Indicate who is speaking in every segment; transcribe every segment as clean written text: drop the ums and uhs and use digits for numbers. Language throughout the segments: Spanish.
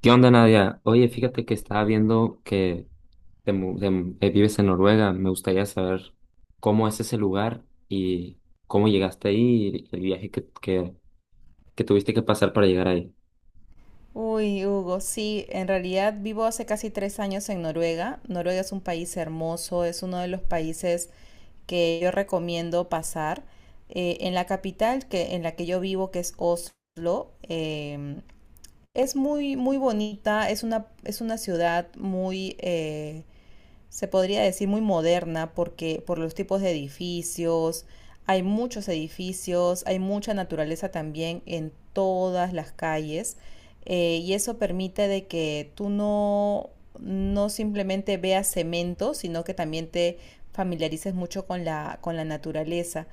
Speaker 1: ¿Qué onda, Nadia? Oye, fíjate que estaba viendo que vives en Noruega. Me gustaría saber cómo es ese lugar y cómo llegaste ahí y el viaje que tuviste que pasar para llegar ahí.
Speaker 2: Uy, Hugo, sí, en realidad vivo hace casi 3 años en Noruega. Noruega es un país hermoso, es uno de los países que yo recomiendo pasar. En la capital en la que yo vivo, que es Oslo, es muy bonita, es una ciudad muy, se podría decir muy moderna porque por los tipos de edificios, hay muchos edificios, hay mucha naturaleza también en todas las calles y eso permite de que tú no, no simplemente veas cemento, sino que también te familiarices mucho con con la naturaleza.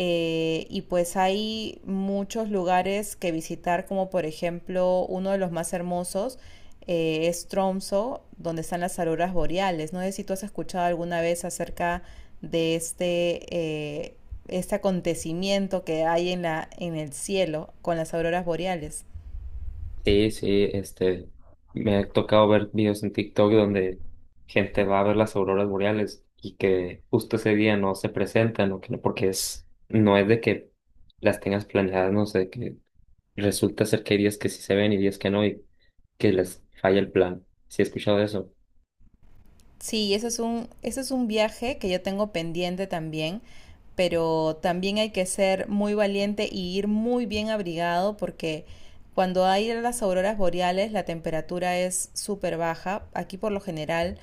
Speaker 2: Y pues hay muchos lugares que visitar, como por ejemplo uno de los más hermosos, es Tromsø, donde están las auroras boreales. No sé si tú has escuchado alguna vez acerca de eh, este acontecimiento que hay en el cielo con las auroras boreales.
Speaker 1: Sí, sí, me ha tocado ver videos en TikTok donde gente va a ver las auroras boreales y que justo ese día no se presentan o que no, porque es, no es de que las tengas planeadas, no sé, que resulta ser que hay días que sí se ven y días que no, que les falla el plan. Sí, he escuchado eso.
Speaker 2: Sí, eso es un viaje que yo tengo pendiente también, pero también hay que ser muy valiente y ir muy bien abrigado porque cuando hay las auroras boreales la temperatura es súper baja. Aquí por lo general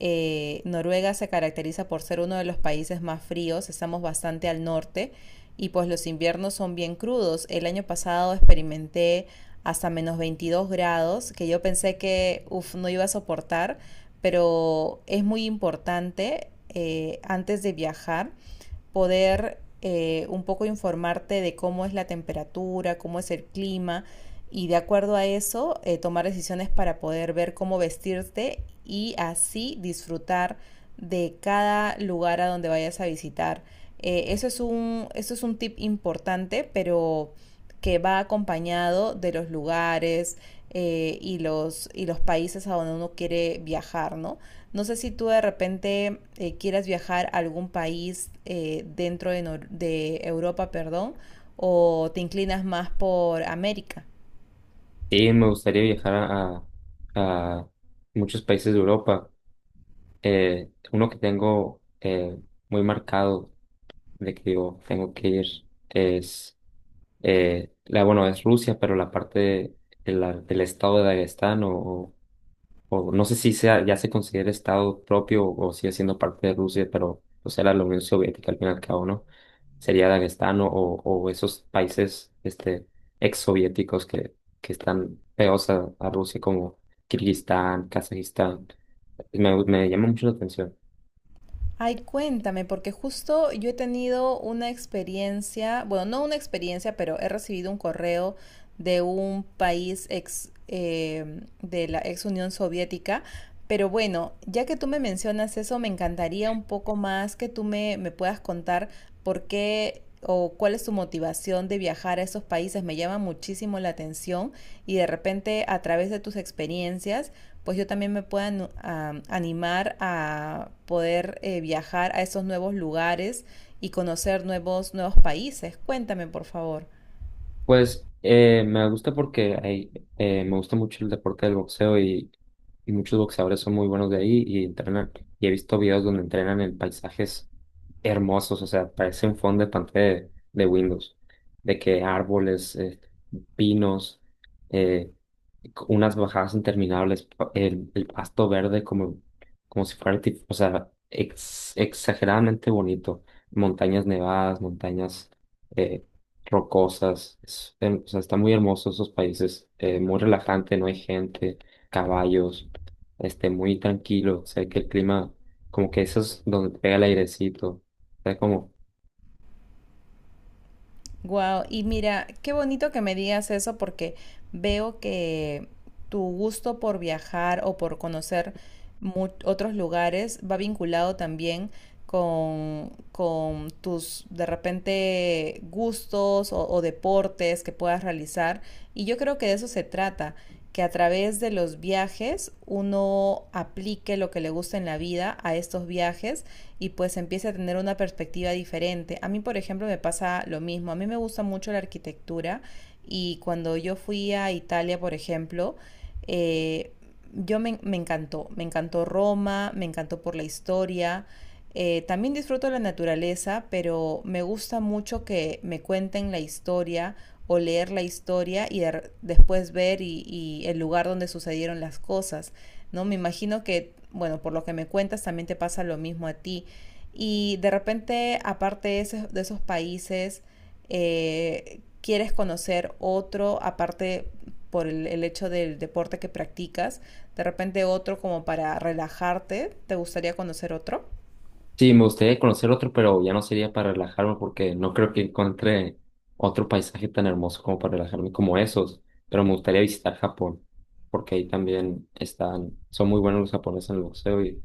Speaker 2: Noruega se caracteriza por ser uno de los países más fríos, estamos bastante al norte y pues los inviernos son bien crudos. El año pasado experimenté hasta -22 grados, que yo pensé que uf, no iba a soportar, pero es muy importante antes de viajar poder un poco informarte de cómo es la temperatura, cómo es el clima y de acuerdo a eso tomar decisiones para poder ver cómo vestirte y así disfrutar de cada lugar a donde vayas a visitar. Eso es un tip importante, pero que va acompañado de los lugares y los países a donde uno quiere viajar, ¿no? No sé si tú de repente quieras viajar a algún país dentro de, Nor- de Europa, perdón, o te inclinas más por América.
Speaker 1: Y me gustaría viajar a- muchos países de Europa. Uno que tengo muy marcado de que digo, tengo que ir es, bueno, es Rusia, pero la parte de la- del estado de Dagestán o no sé si sea, ya se considera Estado propio o sigue siendo parte de Rusia, pero pues era la Unión Soviética al fin y al cabo, ¿no? Sería Dagestán o esos países exsoviéticos que están pegados a Rusia como Kirguistán, Kazajistán. Me llama mucho la atención.
Speaker 2: Ay, cuéntame, porque justo yo he tenido una experiencia, bueno, no una experiencia, pero he recibido un correo de un país de la ex Unión Soviética. Pero bueno, ya que tú me mencionas eso, me encantaría un poco más que tú me puedas contar por qué o cuál es tu motivación de viajar a esos países. Me llama muchísimo la atención y de repente a través de tus experiencias pues yo también me pueda animar a poder viajar a esos nuevos lugares y conocer nuevos países. Cuéntame, por favor.
Speaker 1: Pues me gusta porque me gusta mucho el deporte del boxeo y muchos boxeadores son muy buenos de ahí y entrenan. Y he visto videos donde entrenan en paisajes hermosos, o sea, parece un fondo de pantalla de Windows, de que árboles, pinos, eh, unas bajadas interminables, el pasto verde como, como si fuera, o sea, exageradamente bonito, montañas nevadas, montañas eh, rocosas, o sea, está muy hermoso esos países, muy relajante, no hay gente, caballos, muy tranquilo, o sea, que el clima, como que eso es donde pega el airecito, o sea, como.
Speaker 2: Wow, y mira, qué bonito que me digas eso porque veo que tu gusto por viajar o por conocer otros lugares va vinculado también con tus de repente gustos o deportes que puedas realizar. Y yo creo que de eso se trata, que a través de los viajes uno aplique lo que le gusta en la vida a estos viajes y pues empiece a tener una perspectiva diferente. A mí, por ejemplo, me pasa lo mismo. A mí me gusta mucho la arquitectura y cuando yo fui a Italia, por ejemplo, eh, me encantó Roma, me encantó por la historia. También disfruto la naturaleza, pero me gusta mucho que me cuenten la historia o leer la historia después ver el lugar donde sucedieron las cosas, ¿no? Me imagino que, bueno, por lo que me cuentas también te pasa lo mismo a ti, y de repente, esos de esos países, quieres conocer otro, aparte por el hecho del deporte que practicas, de repente otro como para relajarte, ¿te gustaría conocer otro?
Speaker 1: Sí, me gustaría conocer otro, pero ya no sería para relajarme porque no creo que encuentre otro paisaje tan hermoso como para relajarme como esos. Pero me gustaría visitar Japón, porque ahí también están, son muy buenos los japoneses en el boxeo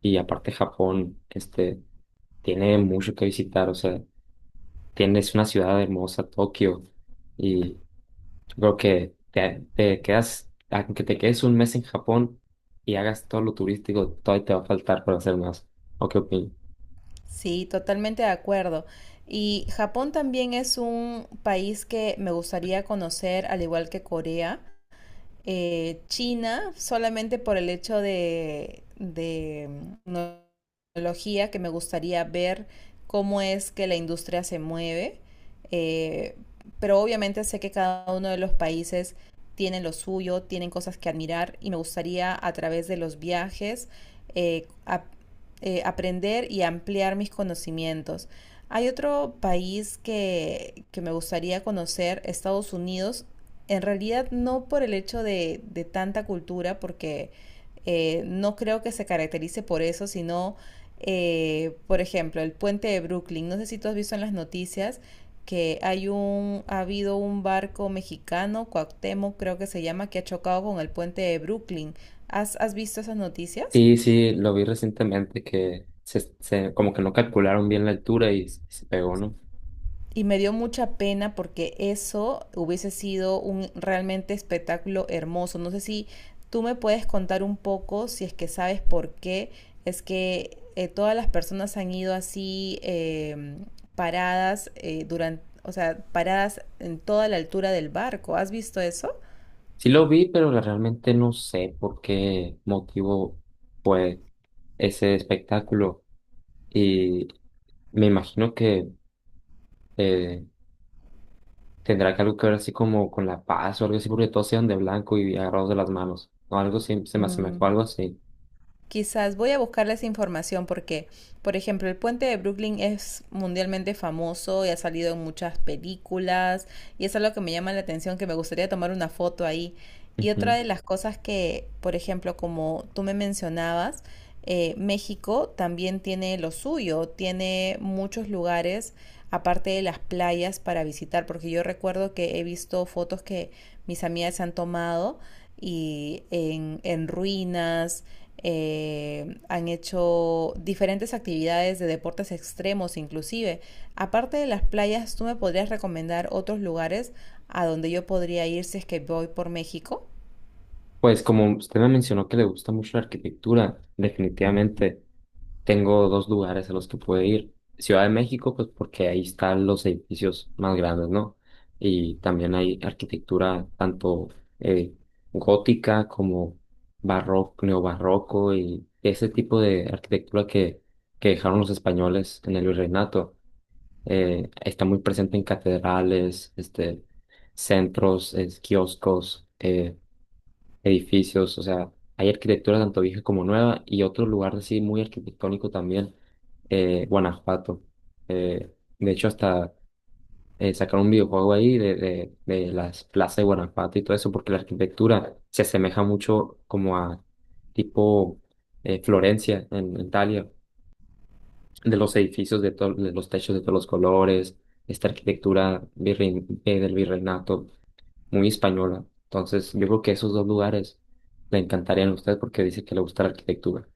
Speaker 1: y aparte Japón, tiene mucho que visitar. O sea, tienes una ciudad hermosa, Tokio, y yo creo que te quedas, aunque te quedes un mes en Japón y hagas todo lo turístico, todavía te va a faltar para hacer más. ¿O qué opinas?
Speaker 2: Sí, totalmente de acuerdo. Y Japón también es un país que me gustaría conocer, al igual que Corea. China solamente por el hecho mm, tecnología que me gustaría ver cómo es que la industria se mueve. eh, pero obviamente sé que cada uno de los países tienen lo suyo, tienen cosas que admirar y me gustaría a través de los viajes eh, ap- aprender y ampliar mis conocimientos. Hay otro país que me gustaría conocer, Estados Unidos, en realidad no por el hecho de tanta cultura, porque no creo que se caracterice por eso, sino, por ejemplo, el puente de Brooklyn. No sé si tú has visto en las noticias que hay un, ha habido un barco mexicano, Cuauhtémoc creo que se llama, que ha chocado con el puente de Brooklyn. Has visto esas noticias?
Speaker 1: Sí, sí, lo vi recientemente que como que no calcularon bien la altura y se pegó, ¿no?
Speaker 2: Y me dio mucha pena porque eso hubiese sido un realmente espectáculo hermoso. No sé si tú me puedes contar un poco, si es que sabes por qué es que todas las personas han ido así paradas o sea, paradas en toda la altura del barco. ¿Has visto eso?
Speaker 1: Sí lo vi, pero realmente no sé por qué motivo fue ese espectáculo. Y me imagino que eh, tendrá que algo que ver así como con la paz o algo así, porque todos eran de blanco y agarrados de las manos. O algo así, se me asemejó a
Speaker 2: Mm.
Speaker 1: algo así.
Speaker 2: Quizás voy a buscarles información porque, por ejemplo, el puente de Brooklyn es mundialmente famoso y ha salido en muchas películas y es algo que me llama la atención, que me gustaría tomar una foto ahí. Y otra
Speaker 1: Ujú.
Speaker 2: de las cosas que, por ejemplo, como tú me mencionabas, México también tiene lo suyo, tiene muchos lugares aparte de las playas para visitar, porque yo recuerdo que he visto fotos que mis amigas han tomado y en ruinas han hecho diferentes actividades de deportes extremos inclusive. Aparte de las playas, ¿tú me podrías recomendar otros lugares a donde yo podría ir si es que voy por México?
Speaker 1: Pues como usted me mencionó que le gusta mucho la arquitectura, definitivamente. Tengo dos lugares a los que puedo ir. Ciudad de México, pues porque ahí están los edificios más grandes, ¿no? Y también hay arquitectura tanto eh, gótica como barroco, neobarroco y ese tipo de arquitectura que dejaron los españoles en el virreinato. Está muy presente en catedrales, centros, kioscos. Edificios, o sea, hay arquitectura tanto vieja como nueva y otro lugar así muy arquitectónico también, Guanajuato. De hecho, hasta sacaron un videojuego ahí de las plazas de Guanajuato y todo eso, porque la arquitectura se asemeja mucho como a tipo Florencia en Italia de los edificios, de los techos de todos los colores, esta arquitectura del virreinato, muy española. Entonces, yo creo que esos dos lugares le encantarían a usted porque dice que le gusta la arquitectura.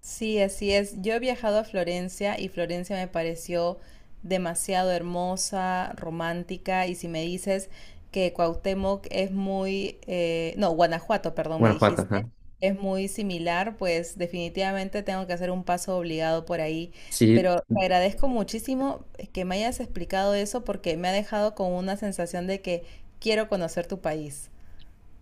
Speaker 2: Sí, así es. Yo he viajado a Florencia y Florencia me pareció demasiado hermosa, romántica. Y si me dices que Cuauhtémoc es muy, no, Guanajuato, perdón, me
Speaker 1: Guanajuato,
Speaker 2: dijiste,
Speaker 1: ajá.
Speaker 2: es muy similar, pues definitivamente tengo que hacer un paso obligado por ahí.
Speaker 1: Sí,
Speaker 2: Pero te agradezco muchísimo que me hayas explicado eso porque me ha dejado con una sensación de que quiero conocer tu país.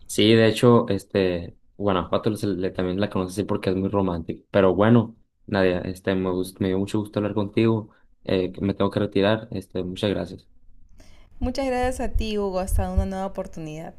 Speaker 1: sí, de hecho, Guanajuato también la conoce así porque es muy romántico. Pero bueno, Nadia, me dio mucho gusto hablar contigo. Me tengo que retirar. Este, muchas gracias.
Speaker 2: Muchas gracias a ti, Hugo. Hasta una nueva oportunidad.